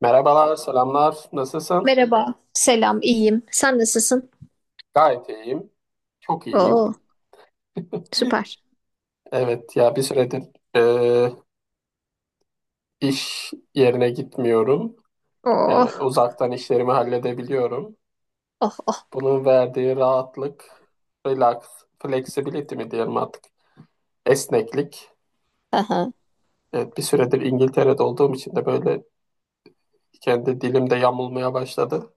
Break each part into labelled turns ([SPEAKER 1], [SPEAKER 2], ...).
[SPEAKER 1] Merhabalar, selamlar. Nasılsın?
[SPEAKER 2] Merhaba. Selam, iyiyim. Sen nasılsın?
[SPEAKER 1] Gayet iyiyim. Çok iyiyim.
[SPEAKER 2] Oo, süper.
[SPEAKER 1] Evet ya bir süredir e, iş yerine gitmiyorum. Yani
[SPEAKER 2] Oh,
[SPEAKER 1] uzaktan işlerimi halledebiliyorum.
[SPEAKER 2] oh, oh.
[SPEAKER 1] Bunun verdiği rahatlık, relax, flexibility mi diyelim artık, esneklik.
[SPEAKER 2] Aha.
[SPEAKER 1] Evet bir süredir İngiltere'de olduğum için de böyle kendi dilimde yamulmaya başladı.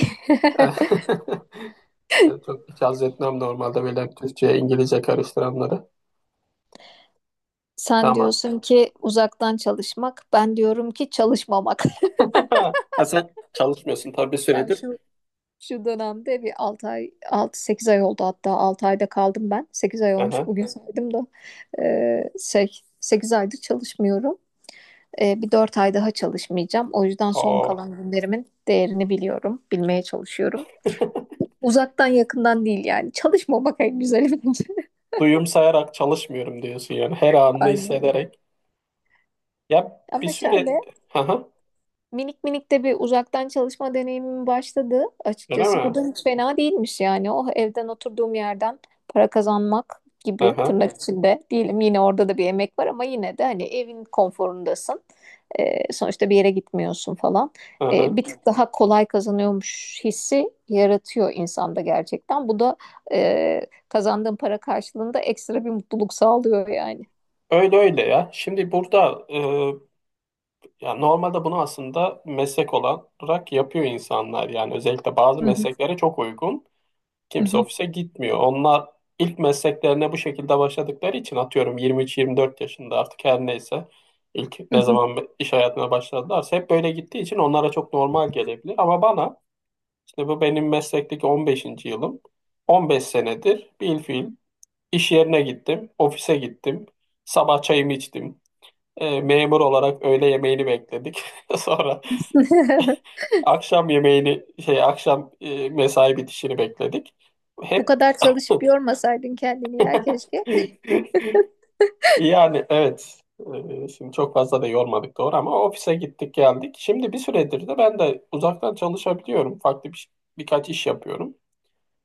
[SPEAKER 1] Ben çok hiç haz etmem normalde böyle Türkçe'ye İngilizce karıştıranları.
[SPEAKER 2] Sen
[SPEAKER 1] Ama
[SPEAKER 2] diyorsun ki uzaktan çalışmak, ben diyorum ki çalışmamak.
[SPEAKER 1] ha, sen çalışmıyorsun tabii bir
[SPEAKER 2] Ben
[SPEAKER 1] süredir.
[SPEAKER 2] şu dönemde bir 6 ay, 6 sekiz ay oldu hatta 6 ayda kaldım ben. 8 ay olmuş
[SPEAKER 1] Aha.
[SPEAKER 2] bugün saydım da. 8 aydır çalışmıyorum. Bir 4 ay daha çalışmayacağım. O yüzden son
[SPEAKER 1] Aa.
[SPEAKER 2] kalan günlerimin değerini biliyorum, bilmeye çalışıyorum. Uzaktan yakından değil yani. Çalışmamak en güzeli bence.
[SPEAKER 1] Duyum sayarak çalışmıyorum diyorsun yani. Her anını
[SPEAKER 2] Aynen. Öyle.
[SPEAKER 1] hissederek. Ya bir
[SPEAKER 2] Ama
[SPEAKER 1] süre...
[SPEAKER 2] şöyle
[SPEAKER 1] Aha.
[SPEAKER 2] minik minik de bir uzaktan çalışma deneyimim başladı
[SPEAKER 1] Öyle
[SPEAKER 2] açıkçası. Bu
[SPEAKER 1] mi?
[SPEAKER 2] da hiç fena değilmiş yani. O evden oturduğum yerden para kazanmak gibi
[SPEAKER 1] Aha.
[SPEAKER 2] tırnak içinde diyelim, yine orada da bir emek var ama yine de hani evin konforundasın. Sonuçta bir yere gitmiyorsun falan.
[SPEAKER 1] Aha.
[SPEAKER 2] Bir tık daha kolay kazanıyormuş hissi yaratıyor insanda gerçekten. Bu da e, kazandığın para karşılığında ekstra bir mutluluk sağlıyor yani.
[SPEAKER 1] Öyle öyle ya. Şimdi burada ya normalde bunu aslında meslek olarak yapıyor insanlar. Yani özellikle bazı
[SPEAKER 2] Hı hı,
[SPEAKER 1] mesleklere çok uygun.
[SPEAKER 2] hı
[SPEAKER 1] Kimse
[SPEAKER 2] hı,
[SPEAKER 1] ofise gitmiyor. Onlar ilk mesleklerine bu şekilde başladıkları için atıyorum 23-24 yaşında artık her neyse ilk
[SPEAKER 2] hı
[SPEAKER 1] ne
[SPEAKER 2] hı.
[SPEAKER 1] zaman iş hayatına başladılarsa hep böyle gittiği için onlara çok normal gelebilir. Ama bana işte bu benim meslekteki 15. yılım, 15 senedir bilfiil iş yerine gittim, ofise gittim, sabah çayımı içtim. Memur olarak öğle yemeğini bekledik. Sonra akşam yemeğini şey akşam mesai bitişini bekledik.
[SPEAKER 2] Bu
[SPEAKER 1] Hep...
[SPEAKER 2] kadar çalışıp yormasaydın kendini ya keşke.
[SPEAKER 1] Yani evet. Şimdi çok fazla da yormadık doğru ama ofise gittik geldik. Şimdi bir süredir de ben de uzaktan çalışabiliyorum. Farklı birkaç iş yapıyorum.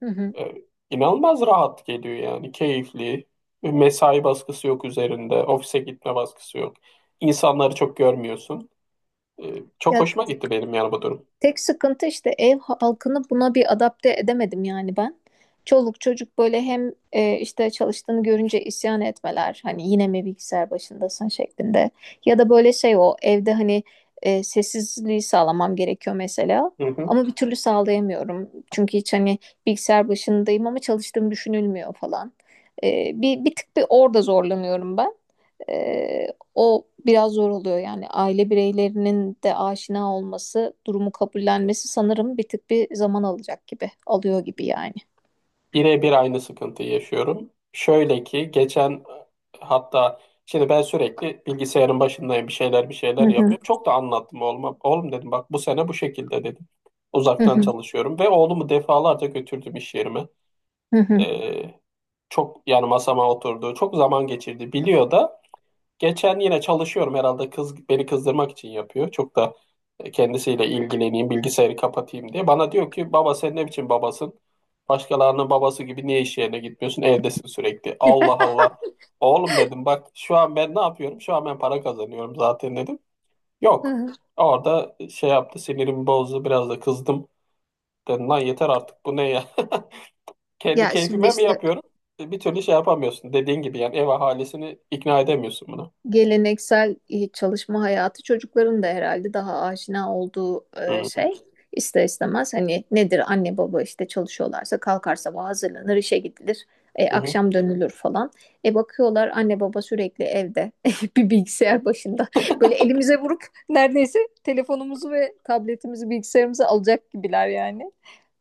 [SPEAKER 2] Hı hı.
[SPEAKER 1] Ee, inanılmaz rahat geliyor yani. Keyifli. Mesai baskısı yok üzerinde. Ofise gitme baskısı yok. İnsanları çok görmüyorsun. Çok
[SPEAKER 2] Ya,
[SPEAKER 1] hoşuma gitti benim yani bu durum.
[SPEAKER 2] tek sıkıntı işte ev halkını buna bir adapte edemedim yani ben. Çoluk çocuk böyle hem işte çalıştığını görünce isyan etmeler, hani yine mi bilgisayar başındasın şeklinde, ya da böyle şey, o evde hani sessizliği sağlamam gerekiyor mesela
[SPEAKER 1] Hı hı.
[SPEAKER 2] ama bir türlü sağlayamıyorum çünkü hiç hani bilgisayar başındayım ama çalıştığım düşünülmüyor falan. Bir tık bir orada zorlanıyorum ben. Ee, O biraz zor oluyor yani, aile bireylerinin de aşina olması, durumu kabullenmesi sanırım bir tık bir zaman alacak gibi, alıyor gibi yani.
[SPEAKER 1] Birebir aynı sıkıntıyı yaşıyorum. Şöyle ki hatta şimdi ben sürekli bilgisayarın başındayım bir şeyler bir
[SPEAKER 2] Hı
[SPEAKER 1] şeyler
[SPEAKER 2] hı.
[SPEAKER 1] yapıyorum. Çok da anlattım oğluma. Oğlum dedim bak bu sene bu şekilde dedim.
[SPEAKER 2] Hı
[SPEAKER 1] Uzaktan
[SPEAKER 2] hı.
[SPEAKER 1] çalışıyorum ve oğlumu defalarca götürdüm iş yerime.
[SPEAKER 2] Hı hı.
[SPEAKER 1] Ee, Çok yani masama oturdu. Çok zaman geçirdi. Biliyor da. Geçen yine çalışıyorum herhalde, kız beni kızdırmak için yapıyor. Çok da kendisiyle ilgileneyim, bilgisayarı kapatayım diye. Bana diyor ki baba sen ne biçim babasın? Başkalarının babası gibi niye iş yerine gitmiyorsun? Evdesin sürekli. Allah Allah. Oğlum dedim bak şu an ben ne yapıyorum? Şu an ben para kazanıyorum zaten dedim.
[SPEAKER 2] Hı
[SPEAKER 1] Yok.
[SPEAKER 2] hı.
[SPEAKER 1] Orada şey yaptı, sinirimi bozdu biraz da kızdım. Dedim lan yeter artık bu ne ya? Kendi
[SPEAKER 2] Ya şimdi
[SPEAKER 1] keyfime mi
[SPEAKER 2] işte
[SPEAKER 1] yapıyorum? Bir türlü şey yapamıyorsun. Dediğin gibi yani ev ahalisini ikna edemiyorsun buna.
[SPEAKER 2] geleneksel çalışma hayatı çocukların da herhalde daha aşina olduğu e,
[SPEAKER 1] Hı
[SPEAKER 2] şey ister istemez hani nedir, anne baba işte çalışıyorlarsa kalkar, sabah hazırlanır, işe gidilir,
[SPEAKER 1] hı.
[SPEAKER 2] akşam dönülür falan. E, bakıyorlar anne baba sürekli evde bir bilgisayar başında böyle elimize vurup neredeyse telefonumuzu ve tabletimizi bilgisayarımıza alacak gibiler yani.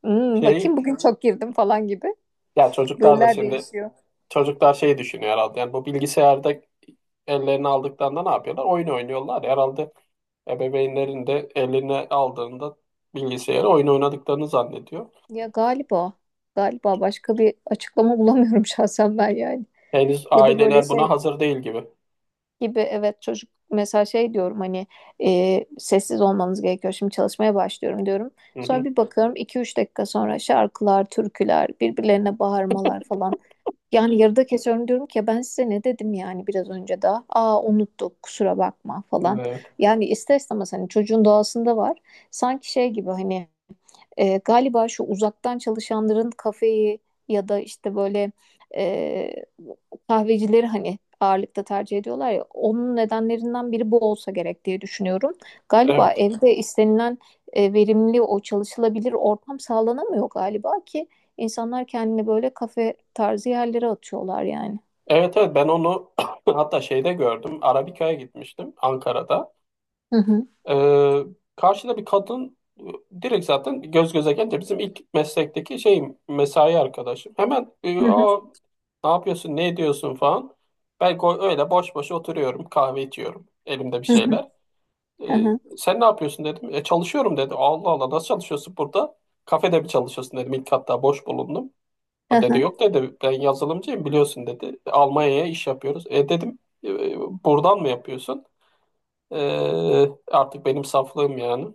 [SPEAKER 2] Hmm,
[SPEAKER 1] Şey
[SPEAKER 2] bakayım bugün çok girdim falan gibi,
[SPEAKER 1] Ya çocuklar da
[SPEAKER 2] roller
[SPEAKER 1] şimdi
[SPEAKER 2] değişiyor.
[SPEAKER 1] çocuklar şey düşünüyor herhalde. Yani bu bilgisayarda ellerini aldıklarında ne yapıyorlar? Oyun oynuyorlar. Herhalde ebeveynlerin de eline aldığında bilgisayarı oyun oynadıklarını zannediyor.
[SPEAKER 2] Ya galiba, galiba başka bir açıklama bulamıyorum şahsen ben yani.
[SPEAKER 1] Henüz
[SPEAKER 2] Ya da böyle
[SPEAKER 1] aileler buna
[SPEAKER 2] şey
[SPEAKER 1] hazır değil gibi.
[SPEAKER 2] gibi, evet, çocuk mesela şey diyorum hani, sessiz olmanız gerekiyor şimdi, çalışmaya başlıyorum diyorum.
[SPEAKER 1] Hı
[SPEAKER 2] Sonra
[SPEAKER 1] hı.
[SPEAKER 2] bir bakıyorum iki üç dakika sonra şarkılar, türküler, birbirlerine bağırmalar falan. Yani yarıda kesiyorum, diyorum ki "Ya ben size ne dedim yani biraz önce daha." "Aa, unuttuk, kusura bakma" falan.
[SPEAKER 1] Evet,
[SPEAKER 2] Yani ister istemez hani çocuğun doğasında var. Sanki şey gibi hani, galiba şu uzaktan çalışanların kafeyi ya da işte böyle e, kahvecileri hani ağırlıkta tercih ediyorlar ya, onun nedenlerinden biri bu olsa gerek diye düşünüyorum. Galiba
[SPEAKER 1] evet.
[SPEAKER 2] evde istenilen verimli o çalışılabilir ortam sağlanamıyor galiba ki insanlar kendini böyle kafe tarzı yerlere atıyorlar yani.
[SPEAKER 1] Evet, evet. Ben onu hatta şeyde gördüm. Arabika'ya gitmiştim Ankara'da.
[SPEAKER 2] Hı hı.
[SPEAKER 1] Ee, Karşıda bir kadın direkt zaten göz göze gelince bizim ilk meslekteki şeyim mesai arkadaşım. Hemen
[SPEAKER 2] Hı hı.
[SPEAKER 1] "Aa, ne yapıyorsun ne ediyorsun falan. Ben öyle boş boş oturuyorum, kahve içiyorum, elimde bir
[SPEAKER 2] Hı hı.
[SPEAKER 1] şeyler. Ee,
[SPEAKER 2] Hı hı.
[SPEAKER 1] Sen ne yapıyorsun dedim. E, çalışıyorum dedi. Allah Allah nasıl çalışıyorsun burada? Kafede mi çalışıyorsun dedim. İlk hatta boş bulundum. O dedi yok dedi ben yazılımcıyım biliyorsun dedi. Almanya'ya iş yapıyoruz. E dedim "E, buradan mı yapıyorsun? Ee, Artık benim saflığım yani.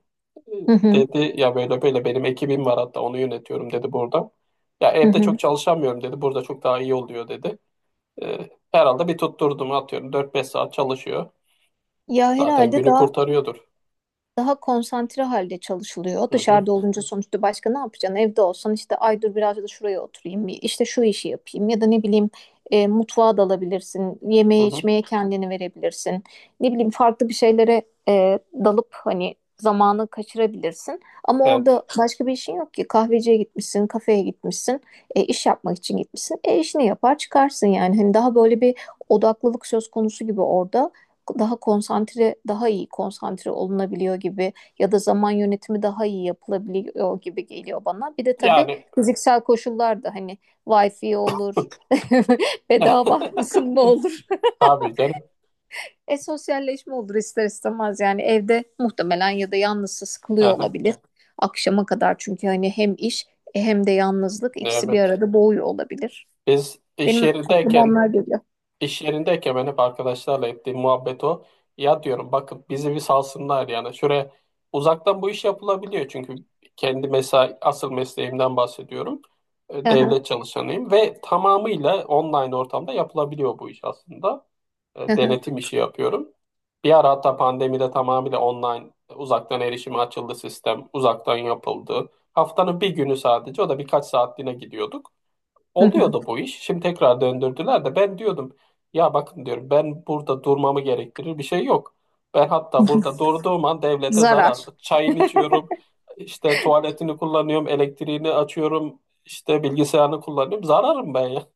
[SPEAKER 2] Hı hı.
[SPEAKER 1] Dedi ya böyle böyle benim ekibim var, hatta onu yönetiyorum dedi burada. Ya
[SPEAKER 2] Hı
[SPEAKER 1] evde
[SPEAKER 2] hı.
[SPEAKER 1] çok çalışamıyorum dedi. Burada çok daha iyi oluyor dedi. Herhalde bir tutturdum, atıyorum 4-5 saat çalışıyor.
[SPEAKER 2] Ya
[SPEAKER 1] Zaten
[SPEAKER 2] herhalde
[SPEAKER 1] günü
[SPEAKER 2] daha
[SPEAKER 1] kurtarıyordur.
[SPEAKER 2] daha konsantre halde çalışılıyor.
[SPEAKER 1] Hı hı,
[SPEAKER 2] Dışarıda olunca sonuçta başka ne yapacaksın? Evde olsan işte, ay dur biraz da şuraya oturayım, işte şu işi yapayım, ya da ne bileyim mutfağa dalabilirsin,
[SPEAKER 1] hı
[SPEAKER 2] yemeğe
[SPEAKER 1] hı.
[SPEAKER 2] içmeye kendini verebilirsin. Ne bileyim, farklı bir şeylere dalıp hani zamanı kaçırabilirsin. Ama orada
[SPEAKER 1] Evet.
[SPEAKER 2] başka bir işin yok ki. Kahveciye gitmişsin, kafeye gitmişsin, iş yapmak için gitmişsin. E, işini yapar çıkarsın yani. Hani daha böyle bir odaklılık söz konusu gibi orada, daha konsantre, daha iyi konsantre olunabiliyor gibi, ya da zaman yönetimi daha iyi yapılabiliyor gibi geliyor bana. Bir de tabii
[SPEAKER 1] Yani
[SPEAKER 2] fiziksel koşullar da hani, wifi olur, bedava ısınma olur.
[SPEAKER 1] tabii canım.
[SPEAKER 2] E, sosyalleşme olur ister istemez yani, evde muhtemelen ya da yalnızsa sıkılıyor
[SPEAKER 1] Aha,
[SPEAKER 2] olabilir. Akşama kadar, çünkü hani hem iş hem de yalnızlık, ikisi bir
[SPEAKER 1] evet.
[SPEAKER 2] arada boğuyor olabilir.
[SPEAKER 1] Biz iş
[SPEAKER 2] Benim aklıma
[SPEAKER 1] yerindeyken
[SPEAKER 2] onlar geliyor.
[SPEAKER 1] İş yerindeyken ben hep arkadaşlarla ettiğim muhabbet o. Ya diyorum bakın bizi bir salsınlar yani. Şuraya uzaktan bu iş yapılabiliyor çünkü kendi mesai, asıl mesleğimden bahsediyorum.
[SPEAKER 2] Hı hı,
[SPEAKER 1] Devlet çalışanıyım ve tamamıyla online ortamda yapılabiliyor bu iş aslında.
[SPEAKER 2] hı hı,
[SPEAKER 1] Denetim işi yapıyorum. Bir ara hatta pandemide tamamıyla online uzaktan erişime açıldı sistem. Uzaktan yapıldı. Haftanın bir günü sadece, o da birkaç saatliğine gidiyorduk.
[SPEAKER 2] hı hı.
[SPEAKER 1] Oluyordu bu iş. Şimdi tekrar döndürdüler de ben diyordum ya bakın diyorum ben burada durmamı gerektirir bir şey yok. Ben hatta burada durduğum an devlete zarar.
[SPEAKER 2] Zarar.
[SPEAKER 1] Çayını içiyorum, işte tuvaletini kullanıyorum, elektriğini açıyorum, işte bilgisayarını kullanıyorum. Zararım ben ya.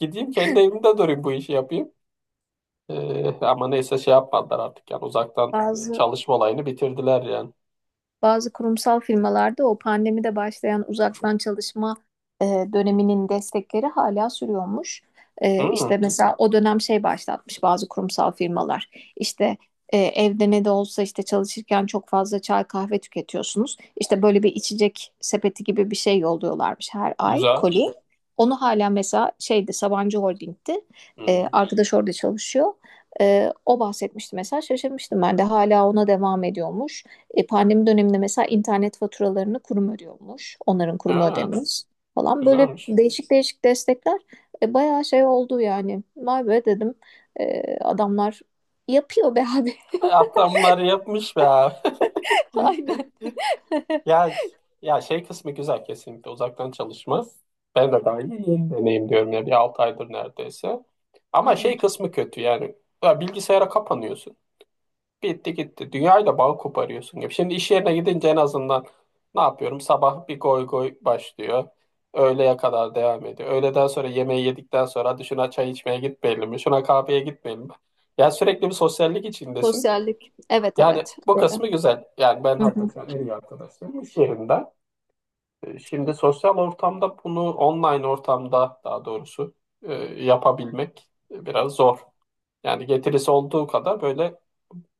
[SPEAKER 1] Gideyim kendi evimde durayım bu işi yapayım. Ama neyse şey yapmadılar artık yani uzaktan
[SPEAKER 2] Bazı
[SPEAKER 1] çalışma olayını bitirdiler yani.
[SPEAKER 2] Bazı kurumsal firmalarda o pandemide başlayan uzaktan çalışma e, döneminin destekleri hala sürüyormuş. E,
[SPEAKER 1] Hmm,
[SPEAKER 2] işte mesela o dönem şey başlatmış bazı kurumsal firmalar. İşte evde ne de olsa işte çalışırken çok fazla çay kahve tüketiyorsunuz. İşte böyle bir içecek sepeti gibi bir şey yolluyorlarmış her ay,
[SPEAKER 1] güzel.
[SPEAKER 2] koli. Onu hala mesela, şeydi, Sabancı Holding'ti. E,
[SPEAKER 1] Hmm.
[SPEAKER 2] arkadaş orada çalışıyor. E, o bahsetmişti mesela, şaşırmıştım ben de, hala ona devam ediyormuş. E, pandemi döneminde mesela internet faturalarını kurum ödüyormuş. Onların kurumu
[SPEAKER 1] Ha,
[SPEAKER 2] ödemiş falan. Böyle
[SPEAKER 1] güzelmiş.
[SPEAKER 2] değişik değişik destekler bayağı şey oldu yani. Vay be dedim. E, adamlar yapıyor be abi.
[SPEAKER 1] Hatta bunları yapmış be abi.
[SPEAKER 2] Aynen.
[SPEAKER 1] Ya, şey kısmı güzel kesinlikle uzaktan çalışma. Ben de daha yeni yeni deneyim diyorum ya, bir 6 aydır neredeyse.
[SPEAKER 2] Hı
[SPEAKER 1] Ama
[SPEAKER 2] hı.
[SPEAKER 1] şey kısmı kötü yani. Ya bilgisayara kapanıyorsun. Bitti gitti. Dünyayla bağ koparıyorsun gibi. Şimdi iş yerine gidince en azından ne yapıyorum? Sabah bir goy goy başlıyor. Öğleye kadar devam ediyor. Öğleden sonra yemeği yedikten sonra hadi şuna çay içmeye gitmeyelim mi? Şuna kahveye gitmeyelim mi? Ya sürekli bir sosyallik içindesin.
[SPEAKER 2] Sosyallik. Evet,
[SPEAKER 1] Yani
[SPEAKER 2] evet.
[SPEAKER 1] bu
[SPEAKER 2] E,
[SPEAKER 1] kısmı güzel. Yani ben hatta
[SPEAKER 2] hı
[SPEAKER 1] şu an en iyi arkadaşlarım iş yerinde. Şimdi sosyal ortamda bunu, online ortamda daha doğrusu yapabilmek biraz zor. Yani getirisi olduğu kadar böyle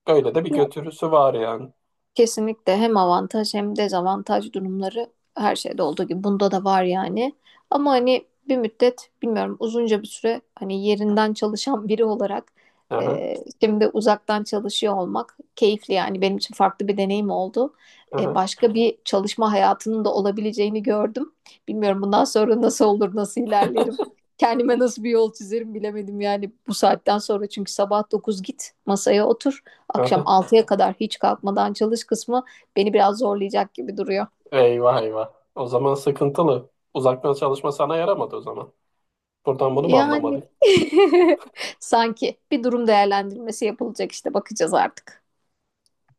[SPEAKER 1] böyle de bir
[SPEAKER 2] hı.
[SPEAKER 1] götürüsü var yani.
[SPEAKER 2] Kesinlikle hem avantaj hem dezavantaj durumları, her şeyde olduğu gibi bunda da var yani. Ama hani bir müddet, bilmiyorum, uzunca bir süre hani yerinden çalışan biri olarak
[SPEAKER 1] Aha,
[SPEAKER 2] e, şimdi uzaktan çalışıyor olmak keyifli yani, benim için farklı bir deneyim oldu. E,
[SPEAKER 1] aha,
[SPEAKER 2] başka bir çalışma hayatının da olabileceğini gördüm. Bilmiyorum bundan sonra nasıl olur, nasıl ilerlerim. Kendime nasıl bir yol çizerim bilemedim yani bu saatten sonra, çünkü sabah 9 git masaya otur, akşam
[SPEAKER 1] aha.
[SPEAKER 2] altıya kadar hiç kalkmadan çalış kısmı beni biraz zorlayacak gibi duruyor.
[SPEAKER 1] Eyvah eyvah. O zaman sıkıntılı. Uzaktan çalışma sana yaramadı o zaman. Buradan bunu mu
[SPEAKER 2] Yani
[SPEAKER 1] anlamalıyım?
[SPEAKER 2] sanki bir durum değerlendirmesi yapılacak, işte bakacağız artık.